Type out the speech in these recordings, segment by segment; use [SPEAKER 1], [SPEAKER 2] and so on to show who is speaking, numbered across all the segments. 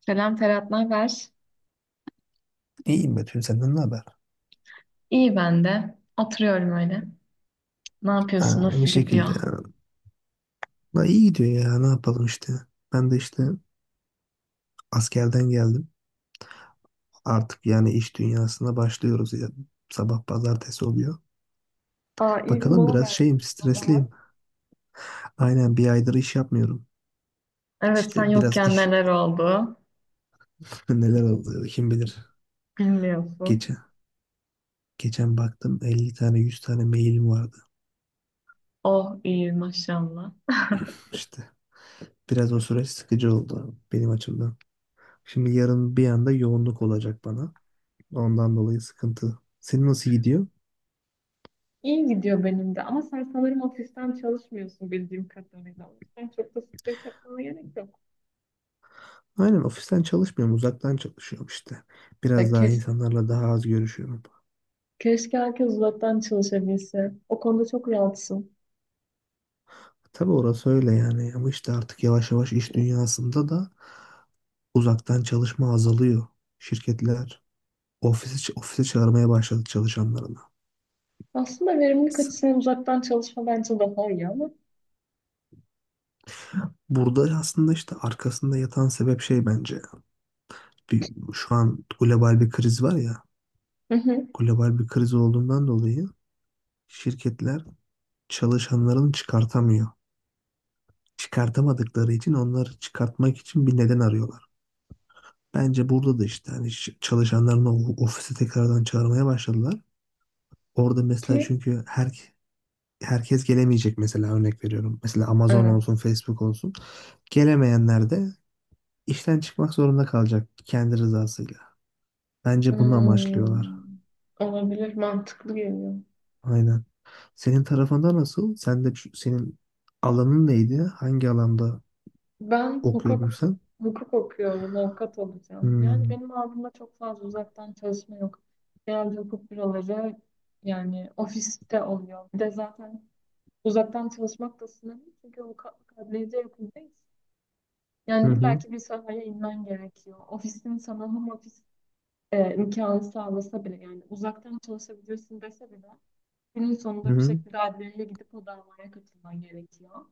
[SPEAKER 1] Selam Ferhat, ne haber?
[SPEAKER 2] İyiyim Betül, senden ne haber?
[SPEAKER 1] İyi ben de. Oturuyorum öyle. Ne yapıyorsun?
[SPEAKER 2] Ha, aynı
[SPEAKER 1] Nasıl gidiyor?
[SPEAKER 2] şekilde. Da iyi gidiyor ya, ne yapalım işte. Ben de işte askerden geldim. Artık yani iş dünyasına başlıyoruz ya. Sabah pazartesi oluyor.
[SPEAKER 1] Aa, iyi bir
[SPEAKER 2] Bakalım,
[SPEAKER 1] mola
[SPEAKER 2] biraz
[SPEAKER 1] vermiş
[SPEAKER 2] şeyim,
[SPEAKER 1] o zaman.
[SPEAKER 2] stresliyim. Aynen, bir aydır iş yapmıyorum.
[SPEAKER 1] Evet, sen
[SPEAKER 2] İşte biraz
[SPEAKER 1] yokken
[SPEAKER 2] iş
[SPEAKER 1] neler oldu?
[SPEAKER 2] neler oldu kim bilir.
[SPEAKER 1] Bilmiyorsun.
[SPEAKER 2] Geçen, geçen baktım 50 tane 100 tane mailim vardı.
[SPEAKER 1] Oh, iyi maşallah.
[SPEAKER 2] İşte biraz o süreç sıkıcı oldu benim açımdan. Şimdi yarın bir anda yoğunluk olacak bana. Ondan dolayı sıkıntı. Senin nasıl gidiyor?
[SPEAKER 1] İyi gidiyor benim de, ama sen sanırım ofisten çalışmıyorsun bildiğim kadarıyla. O yüzden çok da stres yapmana gerek yok.
[SPEAKER 2] Aynen, ofisten çalışmıyorum, uzaktan çalışıyorum işte.
[SPEAKER 1] Ya
[SPEAKER 2] Biraz daha
[SPEAKER 1] keş-
[SPEAKER 2] insanlarla daha az görüşüyorum.
[SPEAKER 1] Keşke herkes uzaktan çalışabilse. O konuda çok rahatsın.
[SPEAKER 2] Tabii, orası öyle yani, ama işte artık yavaş yavaş iş dünyasında da uzaktan çalışma azalıyor. Şirketler ofise çağırmaya başladı çalışanlarını.
[SPEAKER 1] Aslında verimlilik
[SPEAKER 2] S-
[SPEAKER 1] açısından uzaktan çalışma bence daha iyi ama.
[SPEAKER 2] Burada aslında işte arkasında yatan sebep şey bence. Bir, şu an global bir kriz var ya,
[SPEAKER 1] Hı hı.
[SPEAKER 2] global bir kriz olduğundan dolayı şirketler çalışanlarını çıkartamıyor. Çıkartamadıkları için onları çıkartmak için bir neden arıyorlar. Bence burada da işte hani çalışanlarını ofise tekrardan çağırmaya başladılar. Orada mesela
[SPEAKER 1] Ki
[SPEAKER 2] çünkü herkes gelemeyecek, mesela örnek veriyorum. Mesela Amazon olsun,
[SPEAKER 1] evet.
[SPEAKER 2] Facebook olsun. Gelemeyenler de işten çıkmak zorunda kalacak kendi rızasıyla. Bence bunu amaçlıyorlar.
[SPEAKER 1] Hmm, olabilir, mantıklı geliyor.
[SPEAKER 2] Aynen. Senin tarafında nasıl? Sen de senin alanın neydi? Hangi alanda
[SPEAKER 1] Ben
[SPEAKER 2] okuyordun
[SPEAKER 1] hukuk
[SPEAKER 2] sen?
[SPEAKER 1] hukuk okuyorum, avukat olacağım. Yani
[SPEAKER 2] Hmm.
[SPEAKER 1] benim aldığımda çok fazla uzaktan çalışma yok. Genelde hukuk büroları yani ofiste oluyor. Bir de zaten uzaktan çalışmak da sınırlı, çünkü avukatlık adliyede yapıldıyız.
[SPEAKER 2] Hı
[SPEAKER 1] Yani
[SPEAKER 2] hı.
[SPEAKER 1] illaki bir sahaya inmen gerekiyor. Ofisin sana home office imkanı sağlasa bile, yani uzaktan çalışabilirsin dese bile, günün
[SPEAKER 2] Hı
[SPEAKER 1] sonunda bir
[SPEAKER 2] hı.
[SPEAKER 1] şekilde adliyeye gidip o davaya katılman gerekiyor.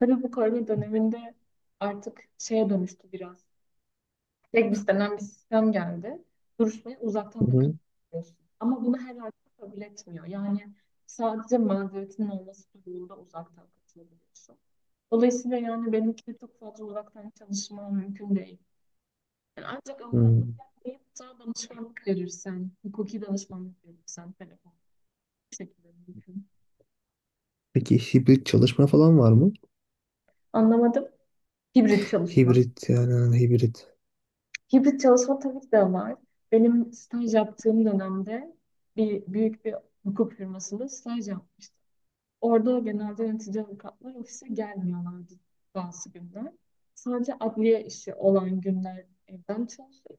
[SPEAKER 1] Tabii bu korona döneminde artık şeye dönüştü biraz. Tek biz bir sistem geldi. Duruşmayı uzaktan
[SPEAKER 2] Hı
[SPEAKER 1] da
[SPEAKER 2] hı.
[SPEAKER 1] katılıyorsun. Ama bunu herhalde kabul etmiyor. Yani sadece mazeretinin olması durumunda uzaktan katılabiliyorsun. Dolayısıyla yani benimki de çok fazla uzaktan çalışma mümkün değil. Yani ancak
[SPEAKER 2] Hı.
[SPEAKER 1] avukatlık yapmayıp da danışmanlık verirsen, hukuki danışmanlık verirsen, telefon bu şekilde mümkün.
[SPEAKER 2] Peki hibrit çalışma falan var mı?
[SPEAKER 1] Anlamadım. Hibrit çalışma.
[SPEAKER 2] Hibrit yani, ha, hibrit.
[SPEAKER 1] Hibrit çalışma tabii ki de var. Benim staj yaptığım dönemde büyük bir hukuk firmasında staj yapmıştım. Orada genelde yönetici avukatlar ofise gelmiyorlardı bazı günler. Sadece adliye işi olan günler evden çalışıyor.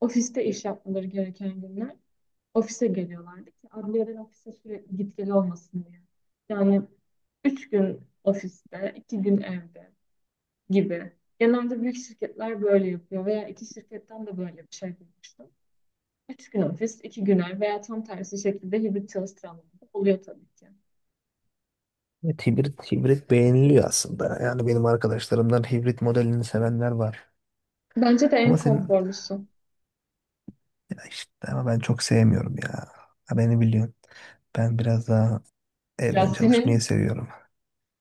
[SPEAKER 1] Ofiste iş yapmaları gereken günler ofise geliyorlardı ki adliyeden ofise sürekli git gel olmasın diye. Yani üç gün ofiste, iki gün evde gibi. Genelde büyük şirketler böyle yapıyor veya iki şirketten de böyle bir şey duymuştum. Üç gün ofis, iki gün ev veya tam tersi şekilde hibrit çalıştıranlar da oluyor tabii ki.
[SPEAKER 2] Evet, hibrit, hibrit beğeniliyor aslında. Yani benim arkadaşlarımdan hibrit modelini sevenler var.
[SPEAKER 1] Bence de en
[SPEAKER 2] Ama senin
[SPEAKER 1] konforlusu.
[SPEAKER 2] ya işte, ama ben çok sevmiyorum ya. Ha, beni biliyorsun. Ben biraz daha
[SPEAKER 1] Ya
[SPEAKER 2] evden çalışmayı
[SPEAKER 1] senin
[SPEAKER 2] seviyorum.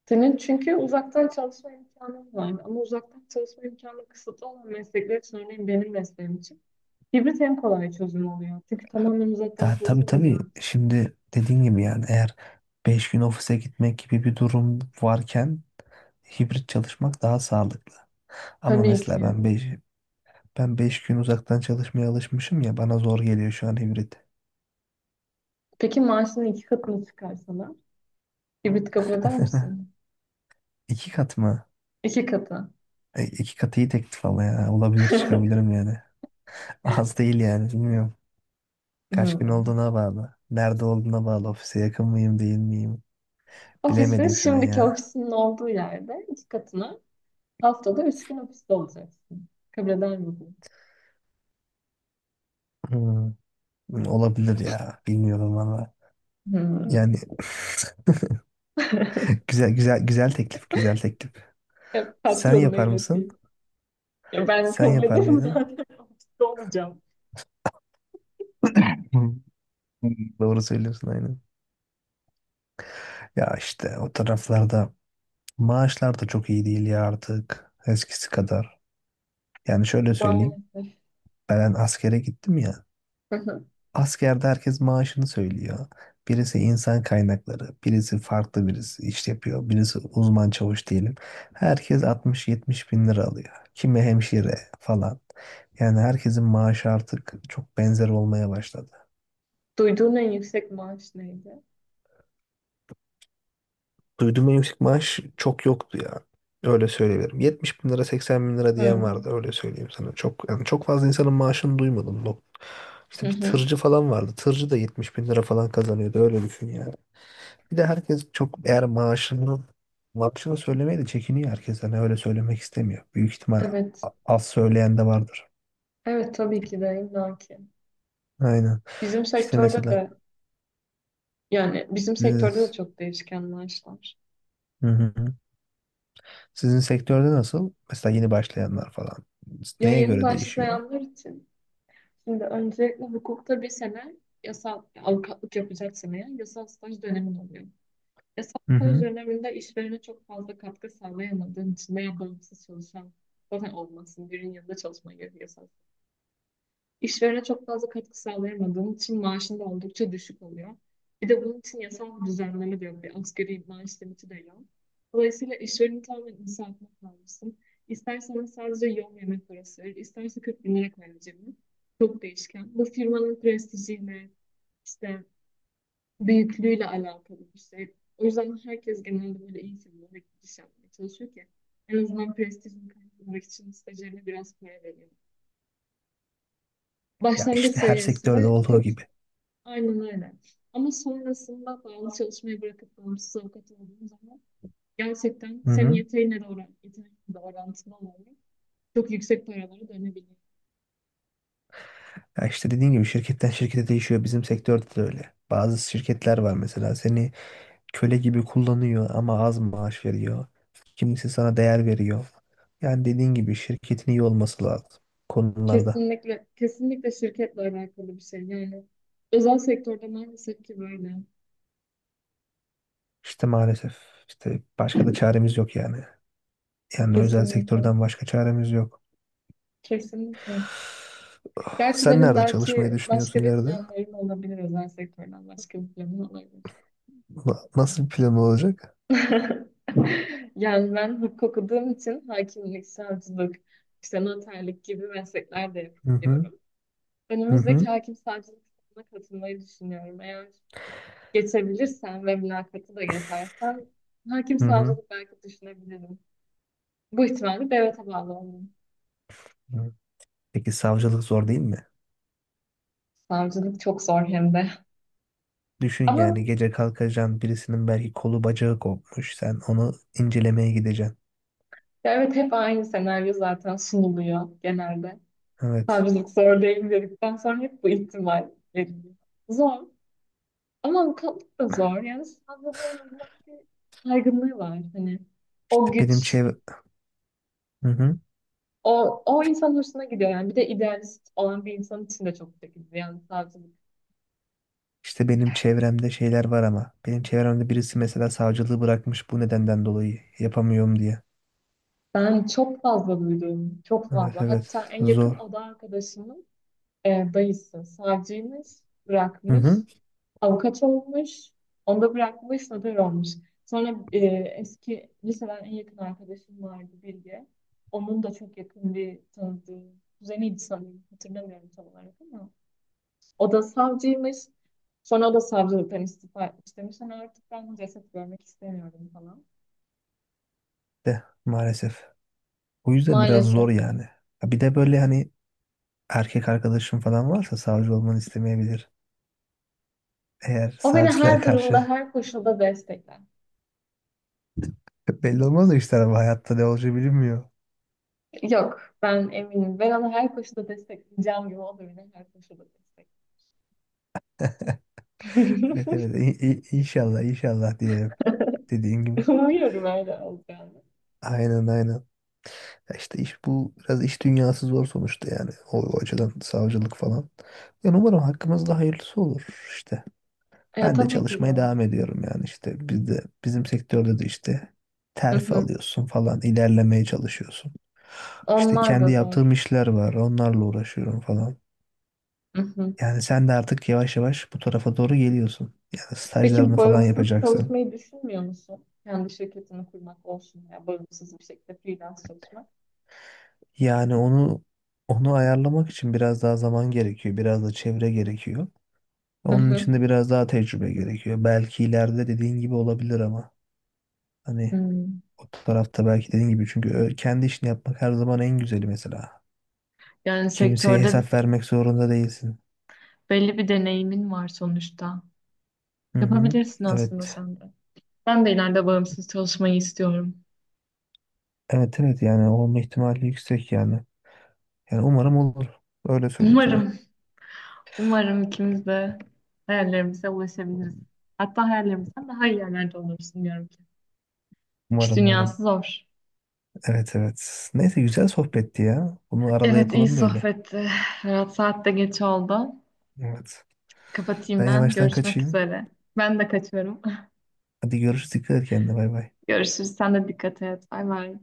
[SPEAKER 1] senin çünkü uzaktan çalışma imkanın var, ama uzaktan çalışma imkanı kısıtlı olan meslekler için, örneğin benim mesleğim için, hibrit en kolay çözüm oluyor. Çünkü tamamen uzaktan
[SPEAKER 2] Ya tabii tabii,
[SPEAKER 1] çalışamayacağın için.
[SPEAKER 2] şimdi dediğin gibi yani eğer 5 gün ofise gitmek gibi bir durum varken hibrit çalışmak daha sağlıklı. Ama
[SPEAKER 1] Tabii
[SPEAKER 2] mesela
[SPEAKER 1] ki.
[SPEAKER 2] ben 5 gün uzaktan çalışmaya alışmışım ya, bana zor geliyor şu an hibrit.
[SPEAKER 1] Peki maaşının iki katını çıkarsalar hibrit kabul eder misin?
[SPEAKER 2] İki kat mı?
[SPEAKER 1] İki katı.
[SPEAKER 2] E, iki katı iyi teklif ama ya. Olabilir, çıkabilirim yani. Az değil yani, bilmiyorum. Kaç gün
[SPEAKER 1] Hmm.
[SPEAKER 2] olduğuna bağlı. Nerede olduğuna bağlı. Ofise yakın mıyım değil miyim?
[SPEAKER 1] Ofisin
[SPEAKER 2] Bilemedim şu an
[SPEAKER 1] şimdiki
[SPEAKER 2] ya.
[SPEAKER 1] ofisinin olduğu yerde iki katına haftada üç gün ofiste olacaksın. Kabul eder misin?
[SPEAKER 2] Hmm, olabilir ya. Bilmiyorum valla.
[SPEAKER 1] Hmm.
[SPEAKER 2] Yani güzel güzel güzel teklif, güzel teklif.
[SPEAKER 1] Ya,
[SPEAKER 2] Sen
[SPEAKER 1] patronuna
[SPEAKER 2] yapar mısın?
[SPEAKER 1] ileteyim. Ya ben
[SPEAKER 2] Sen
[SPEAKER 1] kabul
[SPEAKER 2] yapar
[SPEAKER 1] ederim
[SPEAKER 2] mıydın?
[SPEAKER 1] zaten, ofiste olacağım.
[SPEAKER 2] Hı. Doğru söylüyorsun aynen. Ya işte o taraflarda maaşlar da çok iyi değil ya artık eskisi kadar. Yani şöyle söyleyeyim.
[SPEAKER 1] Maalesef.
[SPEAKER 2] Ben askere gittim ya. Askerde herkes maaşını söylüyor. Birisi insan kaynakları, birisi farklı, birisi iş yapıyor, birisi uzman çavuş diyelim. Herkes 60-70 bin lira alıyor. Kimi hemşire falan. Yani herkesin maaşı artık çok benzer olmaya başladı.
[SPEAKER 1] Duyduğun en yüksek maaş neydi?
[SPEAKER 2] Duyduğum en yüksek maaş çok yoktu ya. Öyle söyleyebilirim. 70 bin lira, 80 bin lira diyen vardı.
[SPEAKER 1] Hmm.
[SPEAKER 2] Öyle söyleyeyim sana. Çok yani, çok fazla insanın maaşını duymadım.
[SPEAKER 1] Hı
[SPEAKER 2] İşte bir
[SPEAKER 1] hı.
[SPEAKER 2] tırcı falan vardı. Tırcı da 70 bin lira falan kazanıyordu. Öyle düşün. Bir de herkes çok, eğer maaşını söylemeye de çekiniyor herkes. Hani öyle söylemek istemiyor. Büyük ihtimal
[SPEAKER 1] Evet.
[SPEAKER 2] az söyleyen de vardır.
[SPEAKER 1] Evet, tabii ki de illaki.
[SPEAKER 2] Aynen.
[SPEAKER 1] Bizim
[SPEAKER 2] İşte
[SPEAKER 1] sektörde
[SPEAKER 2] mesela
[SPEAKER 1] de Yani bizim sektörde de
[SPEAKER 2] siz-
[SPEAKER 1] çok değişken maaşlar.
[SPEAKER 2] hı hı. Sizin sektörde nasıl? Mesela yeni başlayanlar falan.
[SPEAKER 1] Ya,
[SPEAKER 2] Neye
[SPEAKER 1] yeni
[SPEAKER 2] göre değişiyor?
[SPEAKER 1] başlayanlar için şimdi öncelikle hukukta bir sene yasal avukatlık yapacaksan eğer, yasal staj dönemin oluyor. Yasal
[SPEAKER 2] Hı
[SPEAKER 1] staj
[SPEAKER 2] hı.
[SPEAKER 1] döneminde işverene çok fazla katkı sağlayamadığın için veya bağımsız çalışan zaten olmasın. Birinin yanında çalışmaya gerek yasal. İşverene çok fazla katkı sağlayamadığın için maaşın da oldukça düşük oluyor. Bir de bunun için yasal bir düzenleme de yok. Bir asgari maaş limiti de yok. Dolayısıyla işvereni tamamen inisiyatifine kalmışsın. İstersen ona sadece yol yemek parası verir, isterse 40 bin lira koyar cebine. Çok değişken. Bu firmanın prestijiyle, işte büyüklüğüyle alakalı bir şey. O yüzden herkes genelde böyle iyi firmalara giriş yapmaya çalışıyor ki en azından prestijini kaybetmek için stajyerine biraz para veriyor.
[SPEAKER 2] Ya
[SPEAKER 1] Başlangıç
[SPEAKER 2] işte, her sektörde
[SPEAKER 1] seviyesinde
[SPEAKER 2] olduğu
[SPEAKER 1] kötü.
[SPEAKER 2] gibi.
[SPEAKER 1] Aynen öyle. Ama sonrasında bağlı çalışmayı bırakıp bağımsız avukat olduğum zaman gerçekten
[SPEAKER 2] Hı
[SPEAKER 1] senin
[SPEAKER 2] hı.
[SPEAKER 1] yeteneğine de oran, yeteneğinle de orantılı olarak çok yüksek paralara dönebiliyor.
[SPEAKER 2] Ya işte dediğin gibi, şirketten şirkete değişiyor. Bizim sektörde de öyle. Bazı şirketler var mesela, seni köle gibi kullanıyor ama az maaş veriyor. Kimisi sana değer veriyor. Yani dediğin gibi, şirketin iyi olması lazım konularda.
[SPEAKER 1] Kesinlikle, kesinlikle şirketle alakalı bir şey. Yani özel sektörde maalesef ki böyle.
[SPEAKER 2] İşte maalesef, işte başka da çaremiz yok yani. Yani özel
[SPEAKER 1] Kesinlikle.
[SPEAKER 2] sektörden başka çaremiz yok.
[SPEAKER 1] Kesinlikle.
[SPEAKER 2] Ah,
[SPEAKER 1] Gerçi
[SPEAKER 2] sen
[SPEAKER 1] benim
[SPEAKER 2] nerede çalışmayı
[SPEAKER 1] belki
[SPEAKER 2] düşünüyorsun
[SPEAKER 1] başka bir
[SPEAKER 2] ileride?
[SPEAKER 1] planlarım olabilir, özel sektörden başka bir planım olabilir.
[SPEAKER 2] Nasıl bir plan olacak?
[SPEAKER 1] Yani ben hukuk okuduğum için hakimlik, savcılık, işte noterlik gibi meslekler de
[SPEAKER 2] Hı hı,
[SPEAKER 1] yapıyorum.
[SPEAKER 2] hı
[SPEAKER 1] Önümüzdeki
[SPEAKER 2] hı,
[SPEAKER 1] hakim savcılık sınavına katılmayı düşünüyorum. Eğer geçebilirsem ve mülakatı da geçersem, hakim
[SPEAKER 2] hı hı.
[SPEAKER 1] savcılık belki düşünebilirim. Bu ihtimalle devlete bağlı olmalıyım.
[SPEAKER 2] Hı. Peki savcılık zor değil mi?
[SPEAKER 1] Savcılık çok zor hem de.
[SPEAKER 2] Düşün
[SPEAKER 1] Ama
[SPEAKER 2] yani, gece kalkacaksın, birisinin belki kolu bacağı kopmuş. Sen onu incelemeye gideceksin.
[SPEAKER 1] ya evet, hep aynı senaryo zaten sunuluyor genelde.
[SPEAKER 2] Evet.
[SPEAKER 1] Savcılık zor değil dedikten sonra hep bu ihtimal veriliyor. Zor. Ama avukatlık da zor. Yani savcılığın Allah'ın bir saygınlığı var. Hani o
[SPEAKER 2] İşte benim
[SPEAKER 1] güç,
[SPEAKER 2] çev... Hı hı.
[SPEAKER 1] o insan hoşuna gidiyor. Yani bir de idealist olan bir insan için de çok çekici. Yani savcılık.
[SPEAKER 2] İşte benim çevremde şeyler var ama. Benim çevremde birisi mesela savcılığı bırakmış bu nedenden dolayı. Yapamıyorum diye.
[SPEAKER 1] Ben çok fazla duydum. Çok
[SPEAKER 2] Evet
[SPEAKER 1] fazla. Hatta
[SPEAKER 2] evet,
[SPEAKER 1] en yakın
[SPEAKER 2] zor.
[SPEAKER 1] oda arkadaşımın dayısı savcıymış,
[SPEAKER 2] Hı
[SPEAKER 1] bırakmış.
[SPEAKER 2] hı.
[SPEAKER 1] Avukat olmuş, onu da bırakmış, sanatör olmuş. Sonra eski liseden en yakın arkadaşım vardı, Bilge. Onun da çok yakın bir tanıdığı, kuzeniydi sanırım, hatırlamıyorum tam olarak ama. O da savcıymış. Sonra o da savcılıktan istifa etmiş, demiş, hani artık ben ceset görmek istemiyorum falan.
[SPEAKER 2] De maalesef. O yüzden biraz
[SPEAKER 1] Maalesef.
[SPEAKER 2] zor yani. Ha, bir de böyle hani erkek arkadaşım falan varsa savcı olmanı istemeyebilir. Eğer
[SPEAKER 1] O beni
[SPEAKER 2] savcılığa
[SPEAKER 1] her durumda,
[SPEAKER 2] karşı
[SPEAKER 1] her koşulda destekler.
[SPEAKER 2] belli olmaz o işler ama hayatta ne olacağı bilinmiyor.
[SPEAKER 1] Yok, ben eminim. Ben onu her koşulda destekleyeceğim gibi o da beni her koşulda destekler.
[SPEAKER 2] Evet evet, inşallah inşallah diyelim, dediğin gibi.
[SPEAKER 1] Umuyorum öyle olacağını.
[SPEAKER 2] Aynen aynen. Ya İşte iş bu, biraz iş dünyası zor sonuçta yani, o açıdan savcılık falan. Yani umarım hakkımızda hayırlısı olur işte.
[SPEAKER 1] Ya,
[SPEAKER 2] Ben de
[SPEAKER 1] tabii ki
[SPEAKER 2] çalışmaya
[SPEAKER 1] zor.
[SPEAKER 2] devam ediyorum yani, işte biz de bizim sektörde de işte
[SPEAKER 1] Hı
[SPEAKER 2] terfi
[SPEAKER 1] hı.
[SPEAKER 2] alıyorsun falan, ilerlemeye çalışıyorsun. İşte
[SPEAKER 1] Onlar da
[SPEAKER 2] kendi yaptığım
[SPEAKER 1] zor.
[SPEAKER 2] işler var, onlarla uğraşıyorum falan.
[SPEAKER 1] Hı hı.
[SPEAKER 2] Yani sen de artık yavaş yavaş bu tarafa doğru geliyorsun. Yani
[SPEAKER 1] Peki
[SPEAKER 2] stajlarını falan
[SPEAKER 1] bağımsız
[SPEAKER 2] yapacaksın.
[SPEAKER 1] çalışmayı düşünmüyor musun? Kendi şirketini kurmak olsun ya bağımsız bir şekilde freelance çalışmak.
[SPEAKER 2] Yani onu ayarlamak için biraz daha zaman gerekiyor, biraz da çevre gerekiyor.
[SPEAKER 1] Hı
[SPEAKER 2] Onun
[SPEAKER 1] hı.
[SPEAKER 2] için de biraz daha tecrübe gerekiyor. Belki ileride dediğin gibi olabilir ama hani
[SPEAKER 1] Hmm.
[SPEAKER 2] o tarafta belki dediğin gibi, çünkü kendi işini yapmak her zaman en güzeli mesela.
[SPEAKER 1] Yani
[SPEAKER 2] Kimseye
[SPEAKER 1] sektörde
[SPEAKER 2] hesap vermek zorunda değilsin.
[SPEAKER 1] belli bir deneyimin var sonuçta.
[SPEAKER 2] Hı hı.
[SPEAKER 1] Yapabilirsin aslında
[SPEAKER 2] Evet.
[SPEAKER 1] sen de. Ben de ileride bağımsız çalışmayı istiyorum.
[SPEAKER 2] Evet evet, yani olma ihtimali yüksek yani. Yani umarım olur. Öyle söyleyeyim sana.
[SPEAKER 1] Umarım, umarım ikimiz de hayallerimize ulaşabiliriz. Hatta hayallerimizden daha iyi yerlerde oluruz diyorum ki. İş
[SPEAKER 2] Umarım umarım.
[SPEAKER 1] dünyası zor.
[SPEAKER 2] Evet evet. Neyse, güzel sohbetti ya. Bunu arada
[SPEAKER 1] Evet, iyi
[SPEAKER 2] yapalım böyle.
[SPEAKER 1] sohbetti. Ferhat, saat de geç oldu.
[SPEAKER 2] Evet. Ben
[SPEAKER 1] Kapatayım ben.
[SPEAKER 2] yavaştan
[SPEAKER 1] Görüşmek
[SPEAKER 2] kaçayım.
[SPEAKER 1] üzere. Ben de kaçıyorum.
[SPEAKER 2] Hadi görüşürüz. Dikkat et kendine. Bay bay.
[SPEAKER 1] Görüşürüz. Sen de dikkat et. Bay bay.